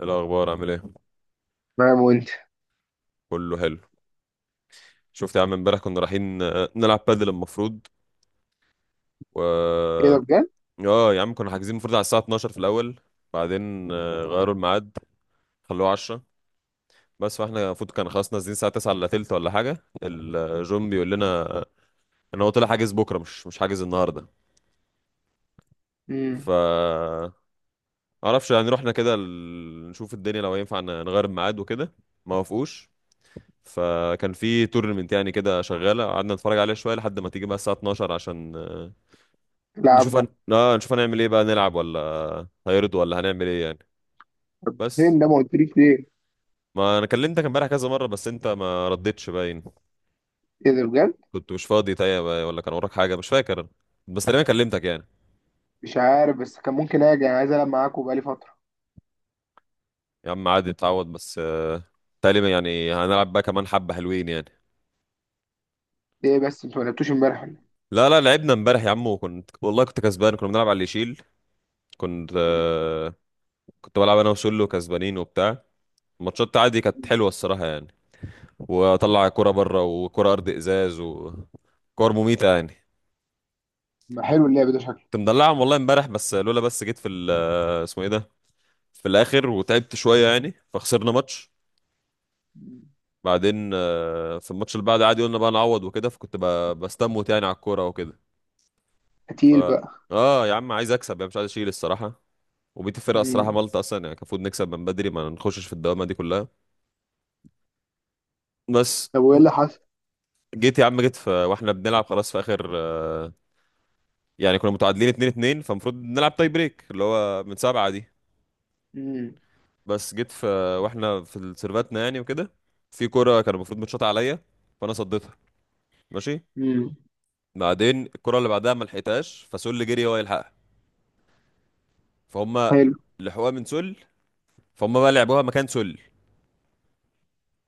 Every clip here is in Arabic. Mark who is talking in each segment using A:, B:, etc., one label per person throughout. A: إيه الأخبار عامل ايه؟
B: تمام وانت.
A: كله حلو. شفت يا عم امبارح كنا رايحين، نلعب بادل المفروض و
B: ايه ده بجد؟
A: اه يا عم كنا حاجزين المفروض على الساعة 12 في الأول. بعدين غيروا الميعاد، خلوه 10. بس فاحنا المفروض كان خلاص نازلين الساعة 9 إلا تلت ولا حاجة، الجون بيقول لنا آه، إن هو طلع حاجز بكرة، مش حاجز النهاردة. ف
B: امم.
A: معرفش، يعني رحنا كده نشوف الدنيا لو ينفع نغير الميعاد وكده. ما وافقوش. فكان في تورنمنت يعني كده شغالة، قعدنا نتفرج عليها شوية لحد ما تيجي بقى الساعة 12 عشان
B: لعب.
A: نشوف هن... آه نشوف هنعمل ايه بقى، نلعب ولا هيرضوا ولا هنعمل ايه يعني. بس
B: فين ده ما قلتليش ليه؟
A: ما انا كلمتك امبارح كذا مره بس انت ما ردتش، باين
B: ايه ده بجد؟
A: كنت مش فاضي، طيب ولا كان وراك حاجه، مش فاكر أنا. بس تقريبا كلمتك يعني.
B: مش عارف، بس كان ممكن اجي، انا عايز العب معاكوا بقالي فترة.
A: يا عم عادي، اتعود بس تقريبا يعني هنلعب بقى كمان حبه حلوين يعني.
B: ليه بس انتوا ما لعبتوش امبارح ولا إيه؟
A: لا لا، لعبنا امبارح يا عم، وكنت والله كنت كسبان، كنا بنلعب على اللي يشيل. كنت
B: مم.
A: كنت بلعب انا وسولو كسبانين وبتاع. الماتشات عادي كانت حلوه الصراحه يعني. واطلع كرة بره وكرة ارض ازاز وكور مميته يعني.
B: ما حلو اللعب ده شكله.
A: كنت مدلعهم والله امبارح. بس لولا بس جيت في اسمه ايه ده، في الاخر وتعبت شويه يعني فخسرنا ماتش.
B: مم.
A: بعدين في الماتش اللي بعد عادي قلنا بقى نعوض وكده، فكنت بستموت يعني على الكوره وكده. ف
B: قتيل بقى.
A: اه يا عم عايز اكسب يعني، مش عايز اشيل الصراحه. وبيت الفرقه الصراحه
B: مم.
A: مالطا اصلا يعني، كان المفروض نكسب من بدري ما نخشش في الدوامه دي كلها. بس
B: طب وايه اللي حصل؟
A: جيت يا عم، جيت في واحنا بنلعب خلاص في اخر يعني كنا متعادلين 2-2، فالمفروض نلعب تاي بريك اللي هو من سبعه دي.
B: مم.
A: بس جيت في واحنا في سيرفاتنا يعني وكده، في كرة كان المفروض متشاط عليا، فانا صديتها، ماشي.
B: مم.
A: بعدين الكرة اللي بعدها ما لحقتهاش، فسل جري هو يلحقها، فهم
B: حلو.
A: لحقوها من سل، فهم بقى لعبوها مكان سل،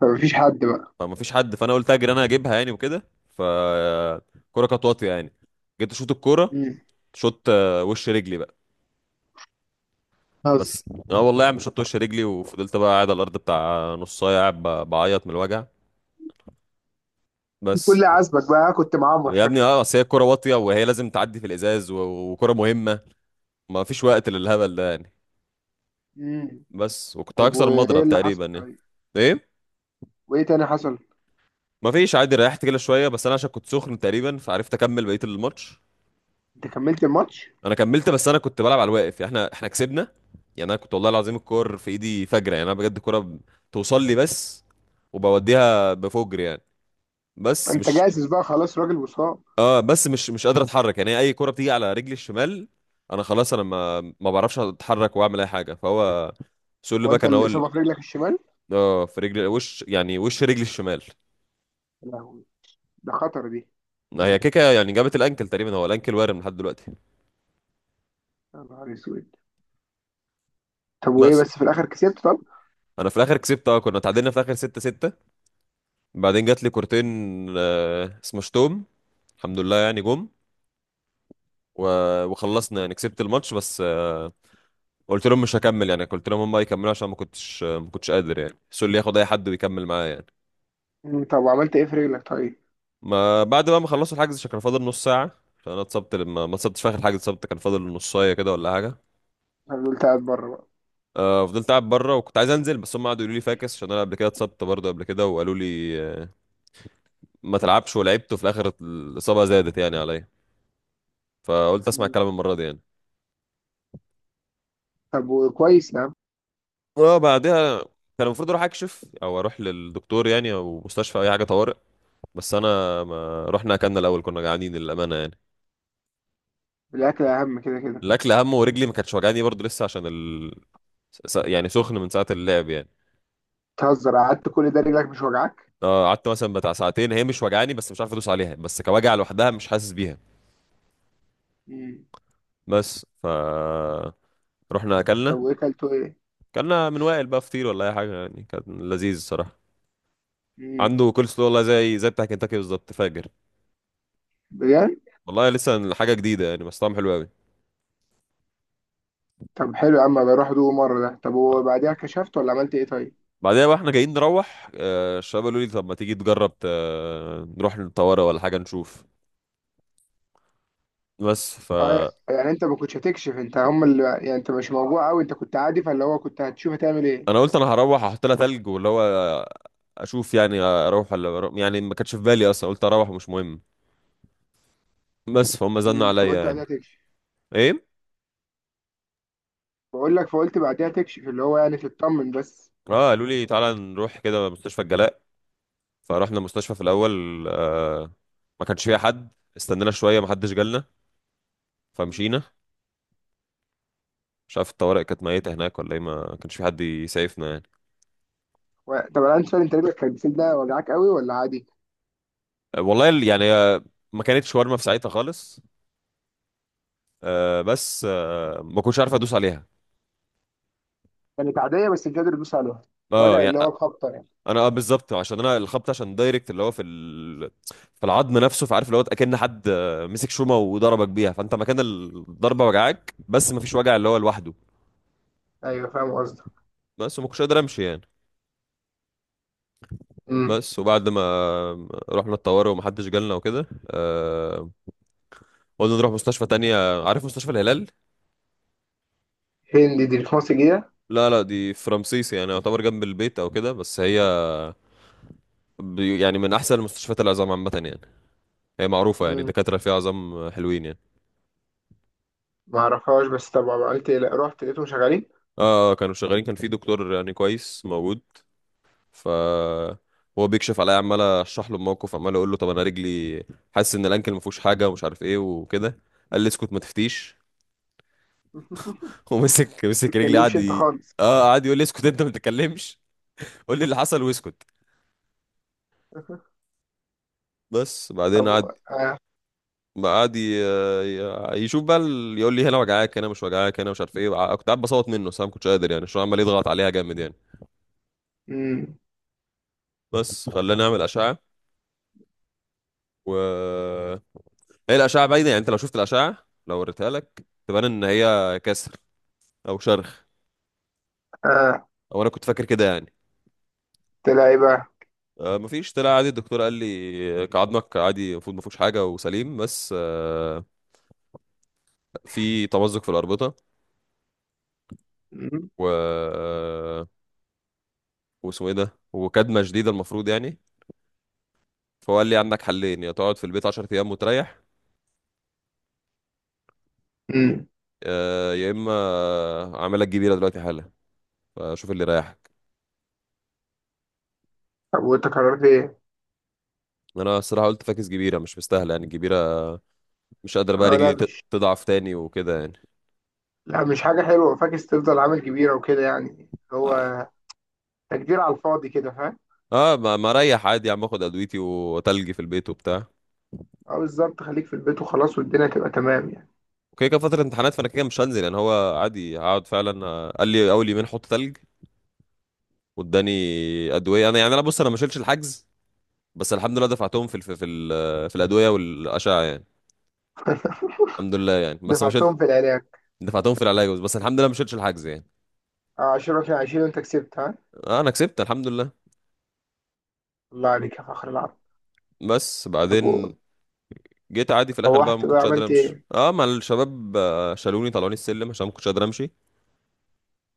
B: فمفيش حد بقى.
A: فما فيش حد. فانا قلت اجري انا اجيبها يعني وكده. فالكرة كانت واطية يعني، جيت اشوط الكرة.
B: مم.
A: شوت وش رجلي بقى.
B: بس
A: بس اه والله يا عم شوت وش رجلي، وفضلت بقى قاعد على الارض بتاع نص ساعه، قاعد بعيط من الوجع. بس
B: كل عزبك بقى كنت معمر
A: يا ابني،
B: شكلك.
A: اه اصل هي الكوره واطيه، وهي لازم تعدي في الازاز وكوره مهمه، ما فيش وقت للهبل ده يعني.
B: مم.
A: بس وكنت
B: طب
A: هكسر
B: وايه
A: المضرب
B: اللي
A: تقريبا
B: حصل
A: يعني.
B: طيب؟
A: ايه،
B: وايه تاني حصل؟
A: ما فيش عادي، ريحت كده شويه، بس انا عشان كنت سخن تقريبا فعرفت اكمل بقيه الماتش.
B: انت كملت الماتش؟
A: انا كملت بس انا كنت بلعب على الواقف يعني. احنا كسبنا. يعني انا كنت والله العظيم الكور في ايدي فجره يعني، انا بجد الكوره توصل لي بس، وبوديها بفجر يعني. بس
B: انت
A: مش
B: جاهز بقى خلاص، راجل وصاب.
A: اه بس مش قادر اتحرك يعني، اي كرة بتيجي على رجلي الشمال انا خلاص، انا ما بعرفش اتحرك واعمل اي حاجة. فهو سول
B: هو
A: باك
B: انت
A: انا،
B: الاصابة في رجلك الشمال؟
A: اه في رجلي وش، يعني وش رجلي الشمال.
B: لا، ده خطر دي.
A: هي كيكا يعني جابت الانكل تقريبا، هو الانكل وارم لحد دلوقتي.
B: يا نهار اسود. طب وايه
A: بس
B: بس في الاخر كسبت طب.
A: انا في الاخر كسبت، اه كنا تعادلنا في الاخر 6-6، بعدين جات لي كورتين آه اسمه شتوم، الحمد لله يعني جم وخلصنا يعني، كسبت الماتش. بس قلت لهم مش هكمل يعني، قلت لهم هم يكملوا عشان ما كنتش ما كنتش قادر يعني، سول ياخد اي حد ويكمل معايا يعني.
B: مم، طب وعملت ايه في رجلك طيب.
A: ما بعد بقى ما خلصوا الحجز، عشان كان فاضل نص ساعة عشان انا اتصبت، لما ما اتصبتش في اخر الحجز، اتصبت كان فاضل نصاية كده ولا حاجة.
B: انا قلت قاعد بره بقى.
A: آه، فضلت قاعد بره، وكنت عايز انزل، بس هم قعدوا يقولوا لي فاكس، عشان انا قبل كده اتصبت برضه قبل كده، وقالوا لي ما تلعبش ولعبت، وفي الاخر الاصابة زادت يعني عليا، فقلت اسمع
B: مم.
A: الكلام المرة دي يعني.
B: طب وكويس يا عم.
A: اه بعدها كان المفروض اروح اكشف او اروح للدكتور يعني، او مستشفى او اي حاجة طوارئ. بس انا ما رحنا، اكلنا الاول، كنا جعانين للأمانة يعني.
B: الاكل اهم كده كده.
A: الاكل اهم، ورجلي ما كانتش وجعاني برضه لسه عشان يعني سخن من ساعة اللعب يعني.
B: تهزر قعدت كل ده رجلك مش وجعك.
A: اه قعدت مثلا بتاع ساعتين هي مش وجعاني، بس مش عارف ادوس عليها، بس كوجع لوحدها مش حاسس بيها.
B: مم.
A: بس ف رحنا
B: طب
A: اكلنا.
B: وايه كلته ايه.
A: اكلنا من وائل بقى فطير ولا اي حاجه يعني، كان لذيذ الصراحه.
B: مم.
A: عنده كول سلو والله، زي بتاع كنتاكي بالظبط، فاجر
B: بجد.
A: والله، لسه حاجه جديده يعني بس طعم حلو قوي.
B: طب حلو يا عم، بروح ادوق مره ده. طب وبعديها كشفت ولا عملت ايه طيب؟
A: بعدها بقى احنا جايين نروح الشباب قالوا لي طب ما تيجي تجرب نروح الطوارئ ولا حاجه نشوف. بس
B: اه.
A: فانا
B: يعني انت ما كنتش هتكشف، انت هم اللي، يعني انت مش موجوع قوي، انت كنت عادي، فاللي هو كنت هتشوف هتعمل ايه.
A: قلت انا هروح احط لها تلج، واللي هو اشوف يعني، اروح ولا أروح، يعني ما كانتش في بالي اصلا، قلت اروح ومش مهم. بس فهم زنوا
B: مم. فقلت
A: عليا يعني.
B: بعديها تكشف.
A: ايه،
B: بقول لك فقلت بعديها تكشف، اللي هو يعني تطمن بس.
A: اه قالوا لي تعالى نروح كده مستشفى الجلاء. فرحنا المستشفى في الاول، آه ما كانش فيها حد، استنينا شويه ما حدش جالنا، فمشينا. مش عارف الطوارئ كانت ميته هناك ولا ايه، ما كانش في حد يسعفنا يعني.
B: طب انا عندي سؤال، انت رجلك كانت بتسيب وجعك قوي ولا عادي؟
A: آه، والله ال- يعني آه، ما كانتش شاورما في ساعتها خالص، آه بس آه ما كنتش عارف ادوس عليها.
B: كانت عادية بس مش قادر تدوس عليها.
A: اه
B: وجع
A: يعني
B: اللي هو الخبطة يعني.
A: انا، اه بالظبط عشان انا الخبط عشان دايركت، اللي هو في في العظم نفسه. فعارف اللي هو اكن حد مسك شومه وضربك بيها، فانت مكان الضربه وجعاك بس ما فيش وجع اللي هو لوحده.
B: ايوه فاهم قصدك.
A: بس وما كنتش قادر امشي يعني.
B: امم.
A: بس وبعد ما رحنا الطوارئ ومحدش جالنا وكده قلنا نروح مستشفى تانية، عارف مستشفى الهلال.
B: هندي دي في مصر جديدة؟
A: لا لا، دي في رمسيس، يعني يعتبر جنب البيت او كده، بس هي يعني من احسن المستشفيات العظام عامه يعني، هي معروفه يعني،
B: امم.
A: الدكاتره فيها عظام حلوين يعني.
B: ما اعرفهاش، بس طبعا عملت إيه؟ لا، رحت لقيتهم شغالين.
A: كانوا شغالين، كان في دكتور يعني كويس موجود. ف هو بيكشف عليا، عمال اشرح له الموقف، عمال اقول له طب انا رجلي حاسس ان الانكل ما فيهوش حاجه ومش عارف ايه وكده. قال لي اسكت، ما تفتيش.
B: ما
A: ومسك رجلي،
B: تتكلمش انت خالص.
A: اه قعد يقول لي اسكت، انت ما تتكلمش، قول لي اللي حصل واسكت. بس بعدين
B: طب
A: قعد
B: آه.
A: قعد ي... ي- يشوف بقى يقول لي هنا وجعاك، هنا مش وجعاك، هنا مش عارف ايه، كنت قاعد بصوت منه، بس انا ما كنتش قادر يعني عشان عمال يضغط عليها جامد يعني.
B: امم.
A: بس خلاني اعمل اشعه. و هي الاشعه باينه يعني، انت لو شفت الاشعه لو وريتها لك تبان ان هي كسر او شرخ،
B: آه.
A: او انا كنت فاكر كده يعني.
B: طلع ايه بقى؟
A: مفيش، طلع عادي، الدكتور قال لي كعضمك عادي، المفروض مفيهوش حاجه وسليم. بس في تمزق في الاربطه
B: امم.
A: و آه، واسمه ايه ده وكدمه شديده المفروض يعني. فهو قال لي عندك حلين، يا تقعد في البيت 10 ايام وتريح،
B: امم.
A: يا اما اعمل لك جبيره دلوقتي حالا، فشوف اللي يريحك.
B: طب وانت قررت ايه؟
A: انا الصراحه قلت فاكس، جبيره مش مستاهله يعني الجبيره. مش قادر بقى
B: اه
A: رجلي تضعف تاني وكده يعني.
B: لا مش حاجة حلوة، فاكس تفضل عامل كبيرة وكده، يعني هو تكدير على الفاضي كده فاهم؟
A: اه ما اريح عادي يا عم، اخد ادويتي وتلجي في البيت وبتاع.
B: اه بالظبط، خليك في البيت وخلاص، والدنيا تبقى تمام يعني.
A: وكده كده فترة امتحانات، فانا كده مش هنزل يعني، هو عادي هقعد فعلا. قال لي اول يومين حط تلج واداني ادوية. انا يعني، انا بص انا ما شلتش الحجز، بس الحمد لله دفعتهم في في الادوية والاشعة يعني. الحمد لله يعني بس ما شلت،
B: دفعتهم في العراق.
A: دفعتهم في العلاج. بس الحمد لله ما شلتش الحجز يعني.
B: آه، 10 في 20 وانت كسبت ها.
A: آه انا كسبت الحمد لله.
B: الله عليك يا فخر العرب.
A: بس
B: طب
A: بعدين جيت عادي في الاخر بقى
B: روحت
A: ما
B: بقى
A: كنتش قادر
B: عملت
A: امشي،
B: ايه؟
A: اه مع الشباب شالوني طلعوني السلم عشان ما كنتش قادر امشي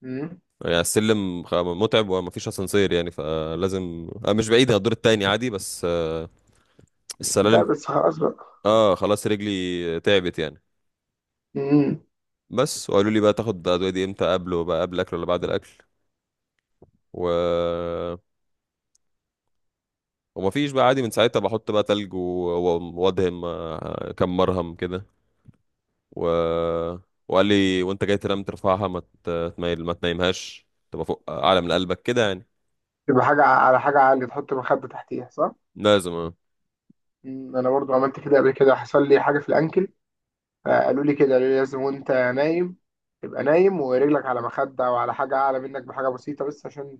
B: مم؟
A: يعني. السلم متعب ومفيش اسانسير يعني، فلازم مش بعيد، هي الدور التاني عادي، بس
B: ده
A: السلالم.
B: بس خلاص بقى.
A: اه خلاص رجلي تعبت يعني.
B: مم.
A: بس وقالوا لي بقى تاخد ادويه دي امتى قبله بقى قبل الاكل ولا بعد الاكل. و ومفيش بقى عادي، من ساعتها بحط بقى تلج وادهم كم مرهم كده. و... وقال لي وانت جاي تنام ترفعها، ما تميل، ما تنامهاش، تبقى فوق اعلى من قلبك كده يعني،
B: تبقى حاجة على حاجة عالية، تحط مخدة تحتيها صح؟
A: لازم آه.
B: مم. أنا برضو عملت كده قبل كده، حصل لي حاجة في الأنكل، فقالوا لي كده، قالوا لي لازم وأنت نايم تبقى نايم ورجلك على مخدة أو على حاجة أعلى منك بحاجة بسيطة، بس عشان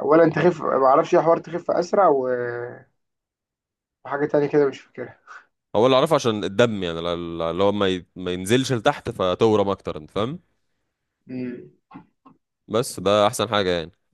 B: أولا تخف، معرفش إيه حوار، تخف أسرع وحاجة تانية كده مش فاكرها.
A: هو اللي اعرفه عشان الدم يعني، اللي هو ما ينزلش لتحت فتورم اكتر، انت فاهم.
B: مم.
A: بس ده احسن حاجه يعني.